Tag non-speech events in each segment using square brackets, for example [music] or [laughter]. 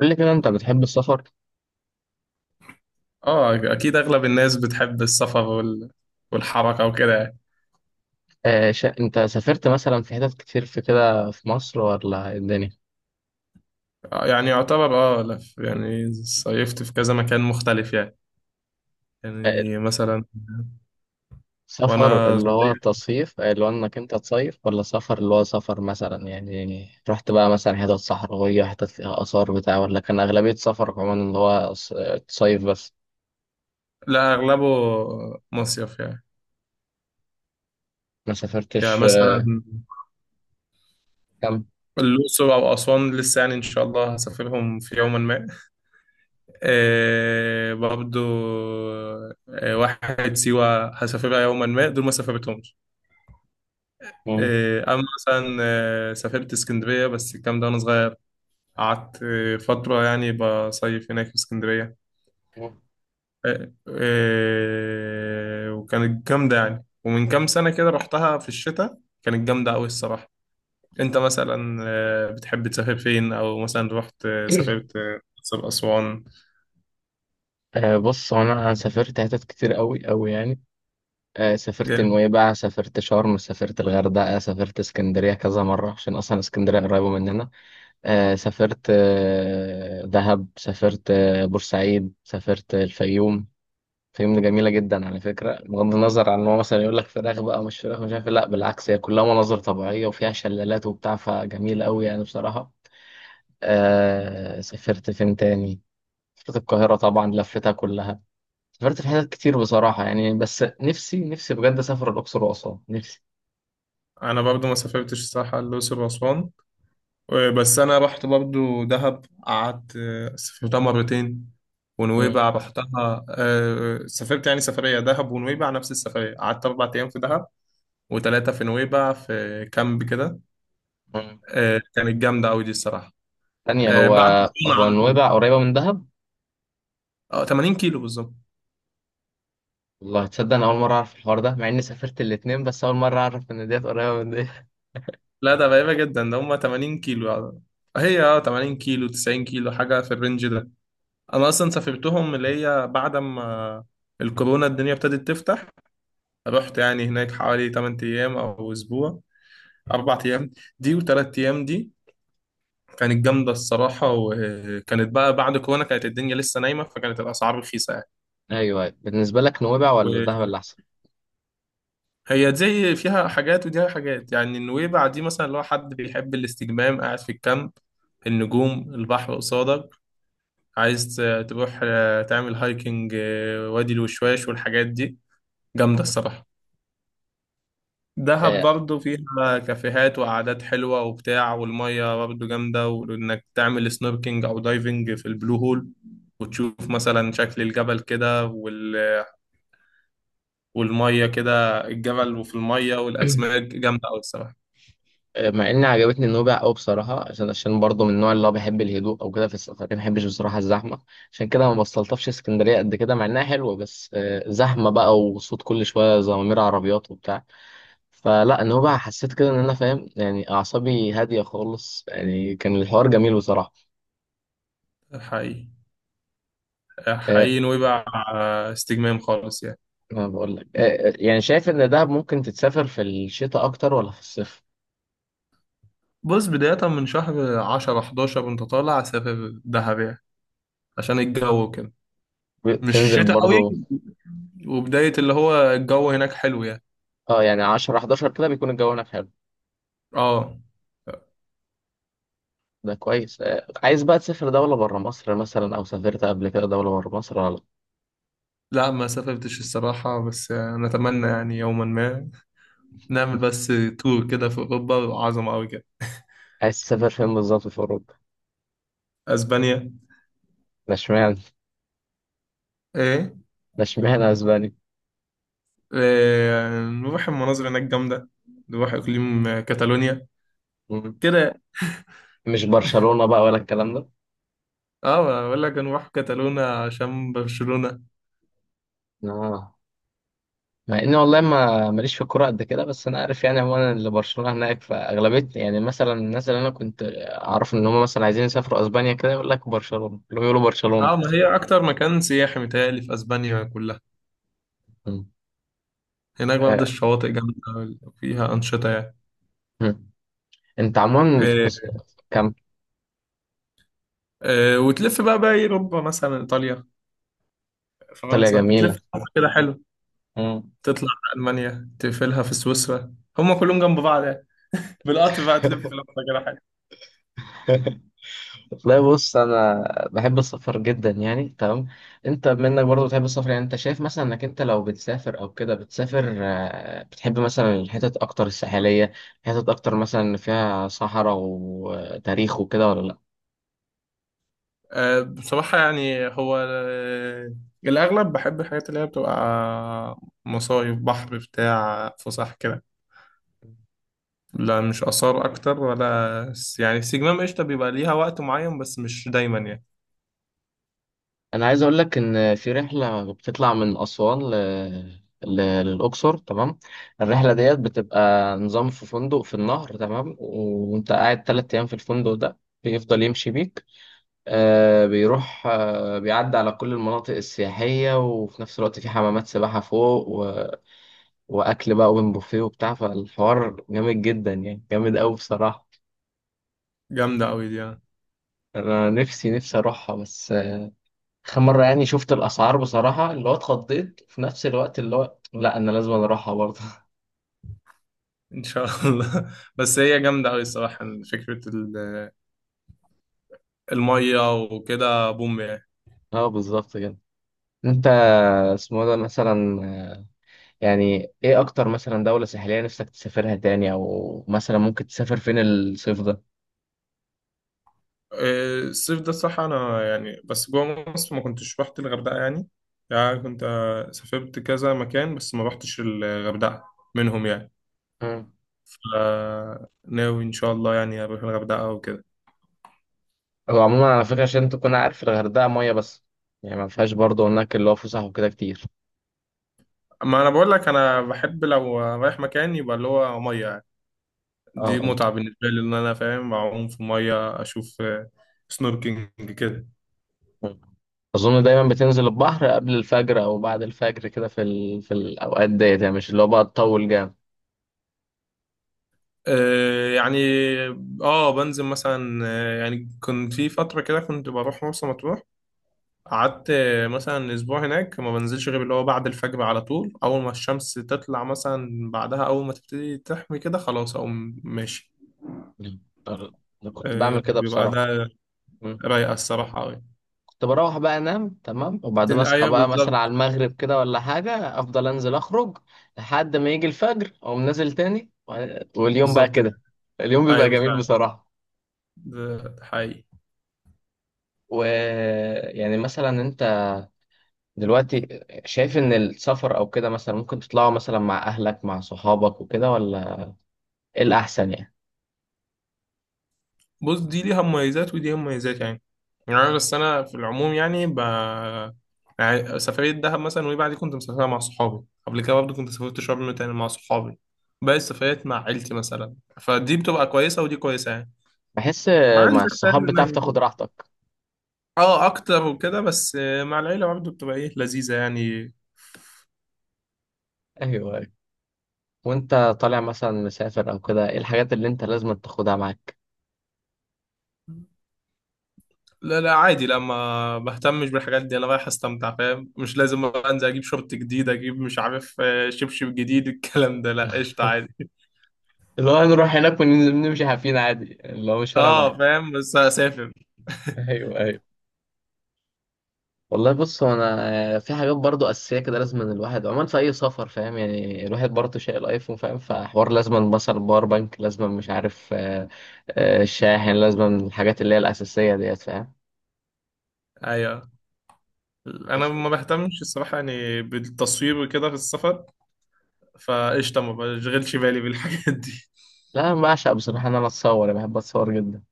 قول لي كده، انت بتحب السفر؟ اه اكيد اغلب الناس بتحب السفر والحركه وكده يعني. انت سافرت مثلا في حتت كتير في كده في مصر، ولا ايه الدنيا؟ يعني يعتبر لف يعني صيفت في كذا مكان مختلف يعني. آه، يعني مثلا سفر وانا اللي هو صغير. تصيف، اللي هو انك انت تصيف، ولا سفر اللي هو سفر، مثلا يعني رحت بقى مثلا حتت صحراوية، حتت فيها آثار بتاع، ولا كان أغلبية سفرك عموما اللي هو تصيف بس؟ لا اغلبه مصيف يعني. ما يعني سافرتش. مثلا كام؟ الأقصر أو أسوان لسه يعني إن شاء الله هسافرهم في يوما ما. آه برضو. آه واحد سيوة هسافرها يوما ما، دول ما سافرتهمش. مم. آه أما مثلا سافرت اسكندرية بس الكلام ده وأنا صغير. قعدت فترة يعني بصيف هناك في اسكندرية. مم. وكانت جامدة يعني، ومن كام سنة كده رحتها في الشتاء. كانت جامدة أوي الصراحة. أنت مثلا بتحب تسافر فين؟ أو مثلا رحت سافرت [clears throat] الأقصر أسوان؟ بص، هو انا سافرت حتت كتير قوي قوي يعني. سافرت جامد. نويبع، سافرت شرم، سافرت الغردقة، سافرت اسكندرية كذا مرة عشان أصلا اسكندرية قريبة مننا. سافرت دهب، سافرت بورسعيد، سافرت الفيوم. الفيوم دي جميلة جدا على فكرة، بغض النظر عن إن هو مثلا يقول لك فراخ بقى مش فراخ مش عارف إيه. لا، بالعكس، هي كلها مناظر طبيعية وفيها شلالات وبتاع، فجميل أوي يعني بصراحة. سافرت فين تاني؟ سافرت القاهرة طبعا، لفتها كلها. سافرت في حتت كتير بصراحة يعني، بس نفسي نفسي بجد أسافر الأقصر وأسوان، نفسي. أنا برضو ما سافرتش الصراحة الأقصر وأسوان. بس أنا رحت برضو دهب، قعدت سافرتها مرتين. مم. ونويبع رحتها، سافرت يعني سفرية دهب ونويبع نفس السفرية، قعدت 4 أيام في دهب و3 في نويبع في كامب كده. مم. كانت جامدة أوي دي الصراحة. تانية هو. بعد الكورونا هو على طول. نويبع قريبة من دهب؟ اه، 80 كيلو بالظبط. والله تصدق، أنا أول مرة أعرف الحوار ده، مع إني سافرت الاتنين، بس أول مرة أعرف إن ديت قريبة من ديت. لا ده غريبة جدا، ده هما 80 كيلو يعني. هي 80 كيلو 90 كيلو، حاجة في الرينج ده. أنا أصلا سافرتهم اللي هي بعد ما الكورونا الدنيا ابتدت تفتح. رحت يعني هناك حوالي 8 أيام أو أسبوع. 4 أيام دي و3 أيام دي. كانت جامدة الصراحة، وكانت بقى بعد كورونا كانت الدنيا لسه نايمة فكانت الأسعار رخيصة. [laughs] أيوه أيوه، بالنسبة لك نويبع ولا دهب يعني اللي أحسن؟ هي زي فيها حاجات وديها حاجات يعني. النويبع دي مثلا لو حد بيحب الاستجمام قاعد في الكامب، النجوم، البحر قصادك. عايز تروح تعمل هايكنج، وادي الوشواش والحاجات دي، جامدة مم. الصراحة. دهب آه، برضه فيها كافيهات وقعدات حلوة وبتاع، والمية برضه جامدة، وإنك تعمل سنوركينج أو دايفنج في البلو هول، وتشوف مثلا شكل الجبل كده والمية كده، الجبل وفي المية والأسماك [clears throat] جامدة أوي الصراحة. مع إني عجبتني نويبع أوي بصراحة، عشان برضه من النوع اللي هو بيحب الهدوء أو كده، في السفر ما بحبش بصراحة الزحمة. عشان كده ما بستلطفش اسكندرية قد كده، مع إنها حلوة بس زحمة بقى، وصوت كل شوية زمامير عربيات وبتاع. فلا ان هو بقى حسيت كده ان انا فاهم يعني اعصابي هاديه خالص، يعني كان الحوار جميل بصراحه. حقيقي. أه، حقيقي نويبع استجمام خالص يعني. ما بقول لك أه. يعني شايف ان دهب ممكن تتسافر في الشتاء اكتر، ولا في الصيف؟ بص، بداية من شهر 10 11 وانت طالع سافر دهب يعني، عشان الجو كده مش بتنزل شتاء قوي، برضو؟ وبداية اللي هو الجو هناك حلو يعني. اه يعني، 10 11 كده بيكون الجو هناك حلو. اه. ده كويس. أه، عايز بقى تسافر دوله بره مصر مثلا، او سافرت قبل كده دوله بره مصر ولا لأ؟ لا ما سافرتش الصراحة، بس نتمنى يعني يوما ما نعمل بس تور كده في أوروبا، عظمة أوي كده. عايز تسافر فين بالظبط في اوروبا؟ أسبانيا. ده اشمعنى؟ إيه. ده اشمعنى اسبانيا؟ إيه، نروح، المناظر هناك جامدة. نروح إقليم كاتالونيا مم. كده. مش برشلونه بقى ولا الكلام ده؟ اه، بقول لك نروح كاتالونا عشان برشلونة. اه. مع اني والله ما ماليش في الكوره قد كده، بس انا عارف يعني، هو انا اللي برشلونه هناك فاغلبيه يعني، مثلا الناس اللي انا كنت اعرف ان هم مثلا عايزين يسافروا اسبانيا كده يقول لك برشلونه، اللي هو يقولوا برشلونه. اه، ما هي اكتر مكان سياحي متهيألي في اسبانيا كلها. مم. هناك برضه آه. الشواطئ جامده، فيها انشطه يعني. مم. انت عموما إيه. كام؟ إيه، وتلف بقى باقي اوروبا مثلا ايطاليا ايطاليا فرنسا جميله. تلف، كده حلو. مم. تطلع على المانيا تقفلها في سويسرا، هم كلهم جنب بعض يعني، بالقطر بقى تلف لفه، كده حلو. [laughs] والله بص، انا بحب السفر جدا يعني تمام. انت منك برضه بتحب السفر، يعني انت شايف مثلا انك انت لو بتسافر او كده بتسافر، بتحب مثلا الحتت اكتر الساحليه، حتت اكتر مثلا فيها صحراء وتاريخ وكده، ولا لا؟ بصراحه يعني هو الاغلب بحب الحاجات اللي هي بتبقى مصايف بحر بتاع فسح كده. لا مش آثار أكتر، ولا يعني السجمام قشطة، بيبقى ليها وقت معين بس مش دايما يعني. انا عايز اقول لك ان في رحله بتطلع من اسوان ل... للاقصر، تمام. الرحله ديت بتبقى نظام في فندق في النهر، تمام، وانت قاعد 3 ايام في الفندق ده. بيفضل يمشي بيك. بيروح بيعدي على كل المناطق السياحية، وفي نفس الوقت في حمامات سباحة فوق وأكل بقى أوبن بوفيه وبتاع، فالحوار جامد جدا يعني، جامد أوي بصراحة. جامدة أوي دي يعني. أنا نفسي نفسي أروحها، بس آخر مرة يعني شفت الأسعار بصراحة اللي هو اتخضيت، في نفس الوقت اللي هو لأ، أنا لازم أروحها برضه. [laughs] إن شاء الله [laughs] بس هي جامدة أوي الصراحة. فكرة المية وكده بوم يعني. أه، بالظبط كده. أنت، اسمه ده مثلا، يعني إيه أكتر مثلا دولة ساحلية نفسك تسافرها تاني؟ أو مثلا ممكن تسافر فين الصيف؟ إيه، الصيف ده الصراحة أنا يعني بس جوه مصر ما كنتش رحت الغردقة يعني. يعني كنت سافرت كذا مكان بس ما رحتش الغردقة منهم يعني. ده؟ فناوي إن شاء الله يعني أروح الغردقة وكده. هو عموما على فكرة، عشان تكون عارف، الغردقة مية بس. يعني ما فيهاش برضه هناك اللي هو فسح وكده كتير. ما أنا بقول لك، أنا بحب لو رايح مكان يبقى اللي هو مية. دي اه. متعة بالنسبة لي إن أنا فاهم أعوم في المية، أشوف سنوركينج كده. اه. أظن دايما بتنزل البحر قبل الفجر أو بعد الفجر كده في في الأوقات ديت، يعني مش اللي هو بقى تطول جامد. يعني بنزل مثلا. يعني كنت في فترة كده كنت بروح مرسى مطروح، قعدت مثلا أسبوع هناك، ما بنزلش غير اللي هو بعد الفجر على طول، أول ما الشمس تطلع مثلا، بعدها أول ما تبتدي تحمي كده خلاص أقوم ماشي. أه. أنا كنت بعمل كده بيبقى بصراحة. ده مم. رايقة الصراحة أوي. كنت بروح بقى أنام، تمام، وبعدين أصحى أيوه بقى مثلا بالظبط. على المغرب كده ولا حاجة، أفضل أنزل أخرج لحد ما يجي الفجر، أقوم نازل تاني، واليوم بقى بالظبط كده، كده. اليوم بيبقى أيوه جميل فعلا، بصراحة. ده حقيقي. ويعني مثلا، أنت دلوقتي شايف ان السفر او كده مثلا ممكن تطلعوا مثلا مع اهلك مع صحابك وكده، ولا ايه الاحسن يعني؟ بص، دي ليها مميزات ودي ليها مميزات يعني. يعني أنا بس انا في العموم يعني يعني سفريه دهب مثلا وايه، بعد كنت مسافرها مع صحابي. قبل كده برضه كنت سافرت شرم تاني مع صحابي. باقي السفريات مع عيلتي مثلا. فدي بتبقى كويسه ودي كويسه يعني. بحس. مع مع عيلتك فاهم الصحاب بتعرف انك تاخد راحتك. اه، اكتر وكده، بس مع العيله برضه بتبقى ايه لذيذه يعني. ايوه أيوة. وانت طالع مثلا مسافر او كده، ايه الحاجات اللي انت لازم تاخدها معاك؟ لا لا عادي، لا ما بهتمش بالحاجات دي، انا رايح استمتع فاهم، مش لازم انزل اجيب شورت جديد، اجيب مش عارف شبشب جديد، الكلام ده لا قشطه عادي. اللي هو نروح هناك وننزل نمشي حافين عادي، اللي هو مش فارقه معاك؟ اه فاهم، بس هسافر. [laughs] ايوه ايوه. والله بص، هو انا في حاجات برضو اساسيه كده لازم، إن الواحد عموما في اي سفر فاهم يعني، الواحد برضو شايل ايفون فاهم، فحوار لازم مثلا باور بانك، لازم مش عارف الشاحن لازم، الحاجات اللي هي الاساسيه ديت فاهم. ايوه. انا ف- ما بهتمش الصراحه يعني بالتصوير وكده في السفر، فقشطه ما بشغلش بالي بالحاجات دي. لا، انا بعشق بصراحه ان انا اتصور، أنا بحب اتصور جدا.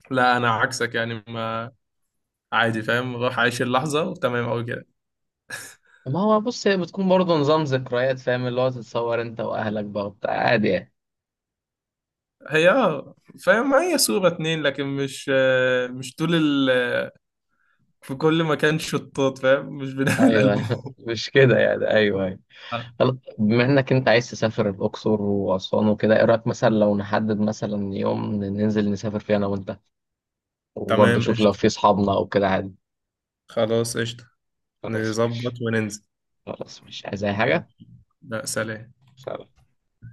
[laughs] لا انا عكسك يعني، ما عادي فاهم، روح عايش اللحظه وتمام او كده. ما هو بص، هي بتكون برضو نظام ذكريات فاهم، اللي هو تتصور انت واهلك بقى وبتاع عادي يعني. هي فاهم، هي صوره اتنين لكن مش مش طول في كل مكان شطات، فاهم مش بنعمل [laughs] ايوه [laughs] البوم. مش كده يعني، ايوه أيوه. آه، طب، بما انك انت عايز تسافر الاقصر واسوان وكده، ايه رايك مثلا لو نحدد مثلا يوم ننزل نسافر فيه انا وانت، وبرضه تمام شوف لو قشطه. في اصحابنا او كده عادي. خلاص قشطه. خلاص نظبط ماشي. وننزل. خلاص ماشي، عايز اي حاجه؟ ماشي. لا سلام. سلام.